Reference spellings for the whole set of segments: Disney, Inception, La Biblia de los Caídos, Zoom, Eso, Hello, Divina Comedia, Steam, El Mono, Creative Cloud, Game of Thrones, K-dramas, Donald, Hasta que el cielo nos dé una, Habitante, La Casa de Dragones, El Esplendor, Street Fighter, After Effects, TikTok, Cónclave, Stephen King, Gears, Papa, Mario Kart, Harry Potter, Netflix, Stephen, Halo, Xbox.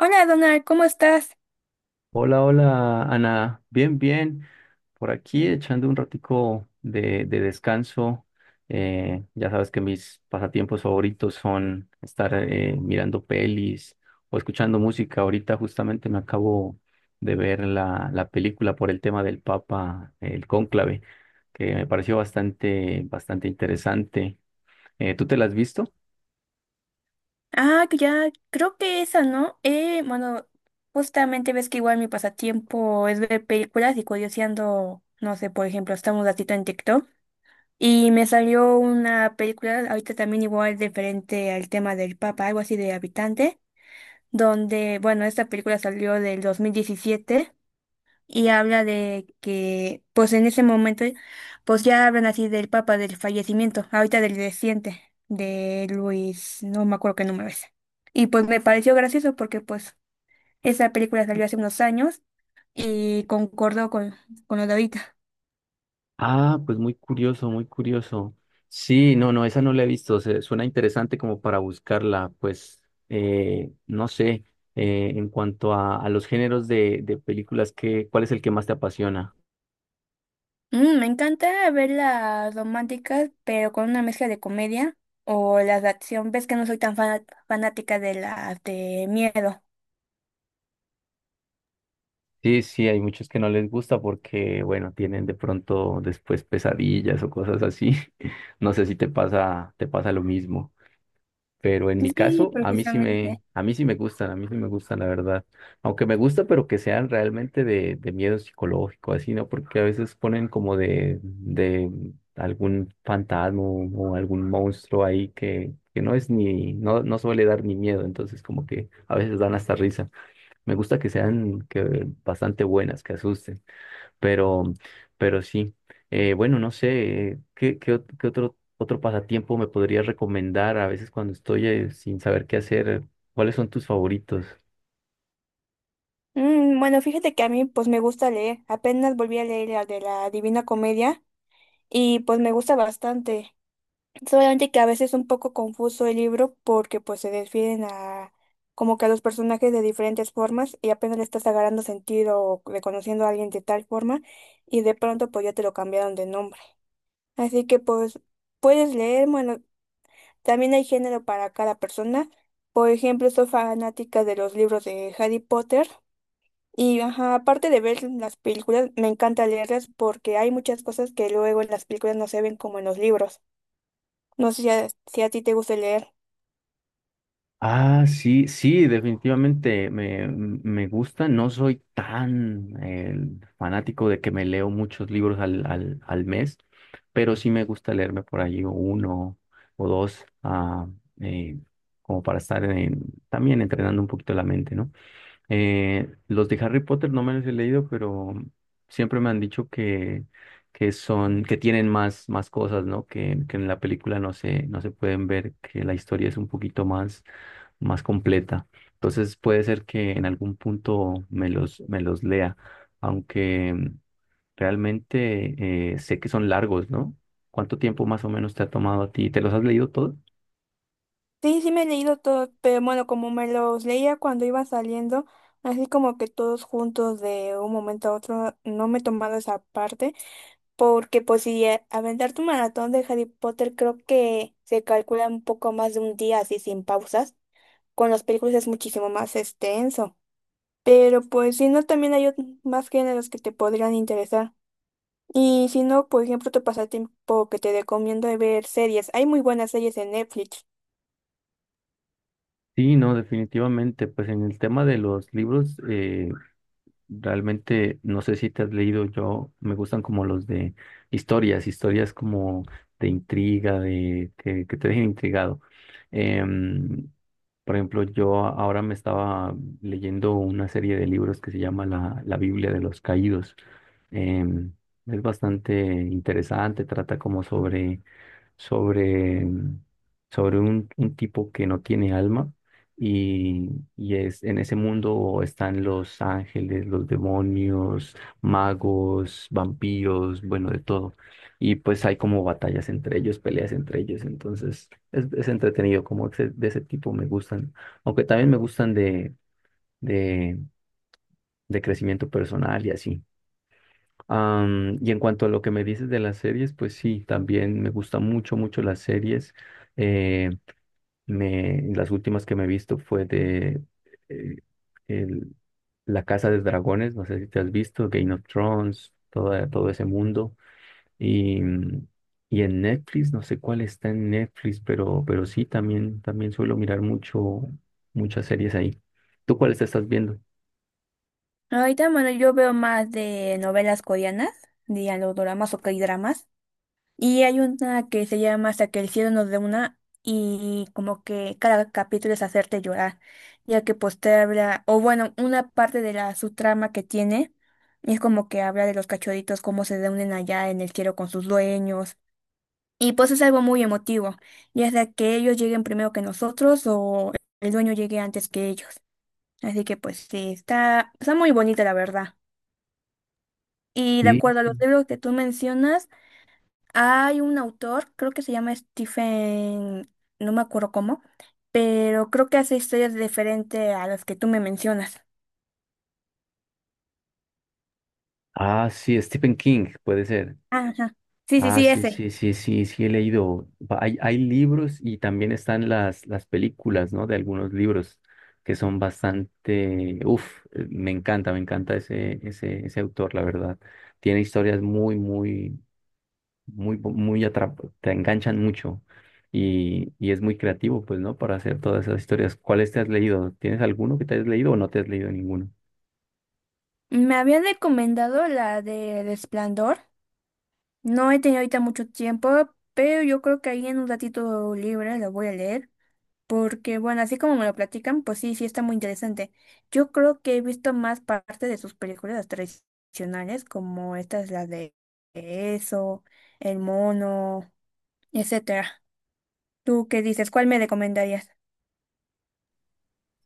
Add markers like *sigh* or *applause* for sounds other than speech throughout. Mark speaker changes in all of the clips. Speaker 1: Hola Donald, ¿cómo estás?
Speaker 2: Hola, hola, Ana. Bien, bien. Por aquí echando un ratico de descanso. Ya sabes que mis pasatiempos favoritos son estar mirando pelis o escuchando música. Ahorita justamente me acabo de ver la película por el tema del Papa, el Cónclave, que me pareció bastante interesante. ¿Tú te la has visto?
Speaker 1: Ah, que ya, creo que esa, ¿no? Bueno, justamente ves que igual mi pasatiempo es ver películas y curioseando, no sé, por ejemplo, estamos un ratito en TikTok y me salió una película, ahorita también igual diferente al tema del Papa, algo así de Habitante, esta película salió del 2017, y habla de que, pues en ese momento, pues ya hablan así del Papa, del fallecimiento, ahorita del reciente, de Luis, no me acuerdo qué número es. Y pues me pareció gracioso porque pues esa película salió hace unos años y concordó con lo de ahorita.
Speaker 2: Ah, pues muy curioso, muy curioso. Sí, no, no, esa no la he visto. Suena interesante como para buscarla. Pues, no sé, en cuanto a los géneros de películas, ¿cuál es el que más te apasiona?
Speaker 1: Mm, me encanta ver las románticas, pero con una mezcla de comedia o las de acción. Ves que no soy tan fanática de las de miedo.
Speaker 2: Sí, sí, hay muchos que no les gusta porque, bueno, tienen de pronto después pesadillas o cosas así. *laughs* No sé si te pasa, te pasa lo mismo. Pero en mi
Speaker 1: Sí,
Speaker 2: caso,
Speaker 1: precisamente.
Speaker 2: a mí sí me gustan, a mí sí me gustan, la verdad. Aunque me gusta, pero que sean realmente de miedo psicológico, así, ¿no? Porque a veces ponen como de algún fantasma o algún monstruo ahí que no es ni, no, no suele dar ni miedo, entonces como que a veces dan hasta risa. Me gusta que sean que, bastante buenas, que asusten. Pero, pero sí. Bueno, no sé, ¿ qué otro pasatiempo me podrías recomendar a veces cuando estoy sin saber qué hacer? ¿Cuáles son tus favoritos?
Speaker 1: Mm, bueno, fíjate que a mí pues me gusta leer. Apenas volví a leer la de la Divina Comedia y pues me gusta bastante. Solamente que a veces es un poco confuso el libro porque pues se desfieren a como que a los personajes de diferentes formas y apenas le estás agarrando sentido o reconociendo a alguien de tal forma y de pronto pues ya te lo cambiaron de nombre. Así que pues puedes leer, bueno, también hay género para cada persona. Por ejemplo, soy fanática de los libros de Harry Potter. Y ajá, aparte de ver las películas, me encanta leerlas porque hay muchas cosas que luego en las películas no se ven como en los libros. No sé si a ti te gusta leer.
Speaker 2: Ah, sí, sí, definitivamente me gusta. No soy tan fanático de que me leo muchos libros al mes, pero sí me gusta leerme por allí uno o dos, eh, como para estar también entrenando un poquito la mente, ¿no? Los de Harry Potter no me los he leído, pero siempre me han dicho que son, que tienen más, más cosas, ¿no? Que en la película no se pueden ver, que la historia es un poquito más, más completa. Entonces puede ser que en algún punto me los lea, aunque realmente sé que son largos, ¿no? ¿Cuánto tiempo más o menos te ha tomado a ti? ¿Te los has leído todos?
Speaker 1: Sí, sí me he leído todo, pero bueno, como me los leía cuando iba saliendo, así como que todos juntos de un momento a otro, no me he tomado esa parte, porque pues si aventar tu maratón de Harry Potter creo que se calcula un poco más de un día así sin pausas. Con las películas es muchísimo más extenso. Pero pues si no, también hay más géneros que te podrían interesar. Y si no, por ejemplo, tu pasatiempo que te recomiendo es ver series. Hay muy buenas series en Netflix.
Speaker 2: Sí, no, definitivamente. Pues en el tema de los libros, realmente, no sé si te has leído, yo me gustan como los de historias como de intriga, que te dejen intrigado. Em, por ejemplo, yo ahora me estaba leyendo una serie de libros que se llama la Biblia de los Caídos. Em, es bastante interesante, trata como sobre, sobre un tipo que no tiene alma y, y es, en ese mundo están los ángeles, los demonios, magos, vampiros, bueno, de todo. Y pues hay como batallas entre ellos, peleas entre ellos, entonces es entretenido, como de ese tipo me gustan, aunque también me gustan de, de crecimiento personal y así. Y en cuanto a lo que me dices de las series, pues sí, también me gustan mucho, mucho las series. Eh, las últimas que me he visto fue de eh, el- La Casa de Dragones, no sé si te has visto, Game of Thrones, toda todo ese mundo. Y, mm, y en Netflix, no sé cuál está en Netflix, pero sí, también, también suelo mirar mucho, muchas series ahí. ¿Tú cuáles te estás viendo?
Speaker 1: Ahorita, bueno, yo veo más de novelas coreanas, dirían los dramas o K-dramas. Y hay una que se llama Hasta que el cielo nos dé una y como que cada capítulo es hacerte llorar, ya que pues te habla, o bueno, una parte de la subtrama que tiene es como que habla de los cachorritos, cómo se reúnen allá en el cielo con sus dueños. Y pues es algo muy emotivo, ya sea que ellos lleguen primero que nosotros o el dueño llegue antes que ellos. Así que pues sí, está, está muy bonita la verdad. Y de
Speaker 2: Sí.
Speaker 1: acuerdo a los libros que tú mencionas, hay un autor, creo que se llama Stephen, no me acuerdo cómo, pero creo que hace historias diferentes a las que tú me mencionas.
Speaker 2: Ah, sí, Stephen King, puede ser.
Speaker 1: Ajá. Sí, sí,
Speaker 2: Ah,
Speaker 1: sí,
Speaker 2: sí,
Speaker 1: ese.
Speaker 2: sí, sí, sí, sí he leído. Hay, hay libros y también están las películas, ¿no? De algunos libros que son bastante, uf, me encanta ese autor, la verdad. Tiene historias muy, muy, muy te enganchan mucho y es muy creativo, pues, ¿no? Para hacer todas esas historias. ¿Cuáles te has leído? ¿Tienes alguno que te has leído o no te has leído ninguno?
Speaker 1: Me habían recomendado la de El Esplendor. No he tenido ahorita mucho tiempo, pero yo creo que ahí en un ratito libre lo voy a leer, porque bueno, así como me lo platican, pues sí, sí está muy interesante. Yo creo que he visto más parte de sus películas tradicionales, como esta es la de Eso, El Mono, etcétera. ¿Tú qué dices? ¿Cuál me recomendarías?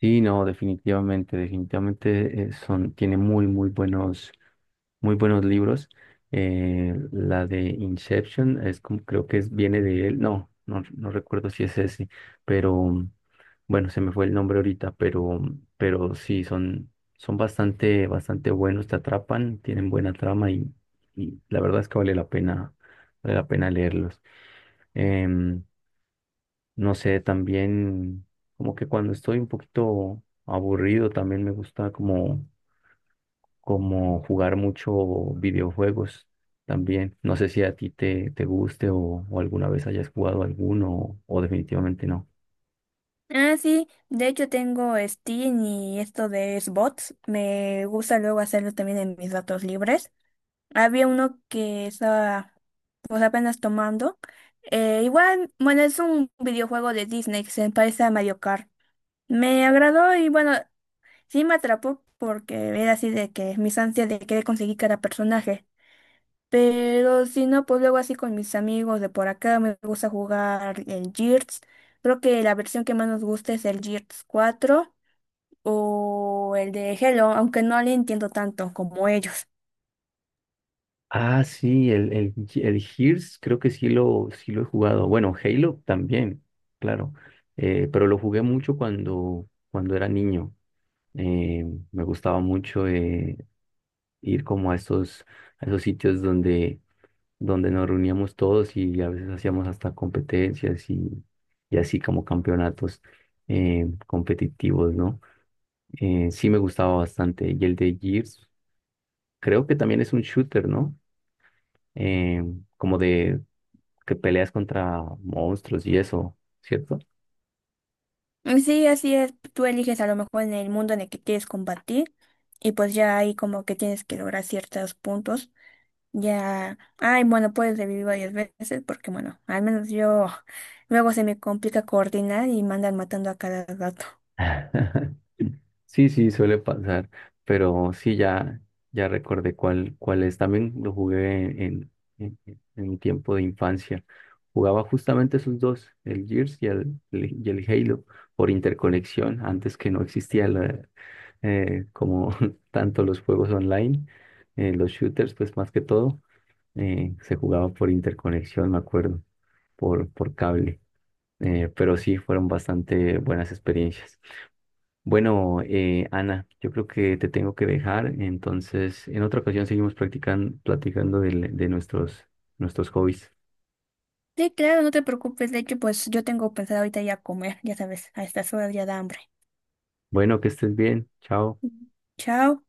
Speaker 2: Sí, no, definitivamente, definitivamente son, tiene muy, muy buenos, muy buenos libros. La de Inception es como, creo que es, viene de él. No, no, no recuerdo si es ese, pero bueno, se me fue el nombre ahorita, pero sí, son, son bastante, bastante buenos, te atrapan, tienen buena trama y la verdad es que vale la pena leerlos. Em, no sé, también como que cuando estoy un poquito aburrido, también me gusta como jugar mucho videojuegos también. No sé si a ti te guste o alguna vez hayas jugado alguno o definitivamente no.
Speaker 1: Ah, sí, de hecho tengo Steam y esto de Xbox. Me gusta luego hacerlo también en mis datos libres. Había uno que estaba pues apenas tomando. Igual, bueno, es un videojuego de Disney que se parece a Mario Kart. Me agradó y bueno, sí me atrapó porque era así de que mis ansias de querer conseguir cada personaje. Pero si no, pues luego así con mis amigos de por acá me gusta jugar el Gears. Creo que la versión que más nos gusta es el Gears 4 o el de Hello, aunque no le entiendo tanto como ellos.
Speaker 2: Ah, sí, el Gears creo que sí lo he jugado. Bueno, Halo también, claro. Pero lo jugué mucho cuando era niño. Eh, me gustaba mucho ir como a esos sitios donde nos reuníamos todos y a veces hacíamos hasta competencias y así como campeonatos competitivos, ¿no? Sí me gustaba bastante. Y el de Gears, creo que también es un shooter, ¿no? Eh, como de que peleas contra monstruos y eso, ¿cierto?
Speaker 1: Mm, sí, así es. Tú eliges a lo mejor en el mundo en el que quieres combatir y pues ya ahí como que tienes que lograr ciertos puntos. Ya, ay, bueno, puedes revivir varias veces porque bueno, al menos yo *laughs* luego se me complica coordinar y me andan matando a cada rato.
Speaker 2: *laughs* Sí, sí, suele pasar, pero sí, ya, ya recordé cuál, cuál es. También lo jugué en mi tiempo de infancia. Jugaba justamente esos dos, el Gears y el Halo, por interconexión, antes que no existía como *laughs* tanto los juegos online, los shooters, pues más que todo, se jugaba por interconexión, me acuerdo, por cable. Pero sí, fueron bastante buenas experiencias. Bueno, Ana, yo creo que te tengo que dejar, entonces en otra ocasión seguimos practicando, platicando de nuestros hobbies.
Speaker 1: Sí, claro, no te preocupes. De hecho, pues yo tengo pensado ahorita ya comer, ya sabes, a estas horas ya da hambre.
Speaker 2: Bueno, que estés bien, chao.
Speaker 1: Chao.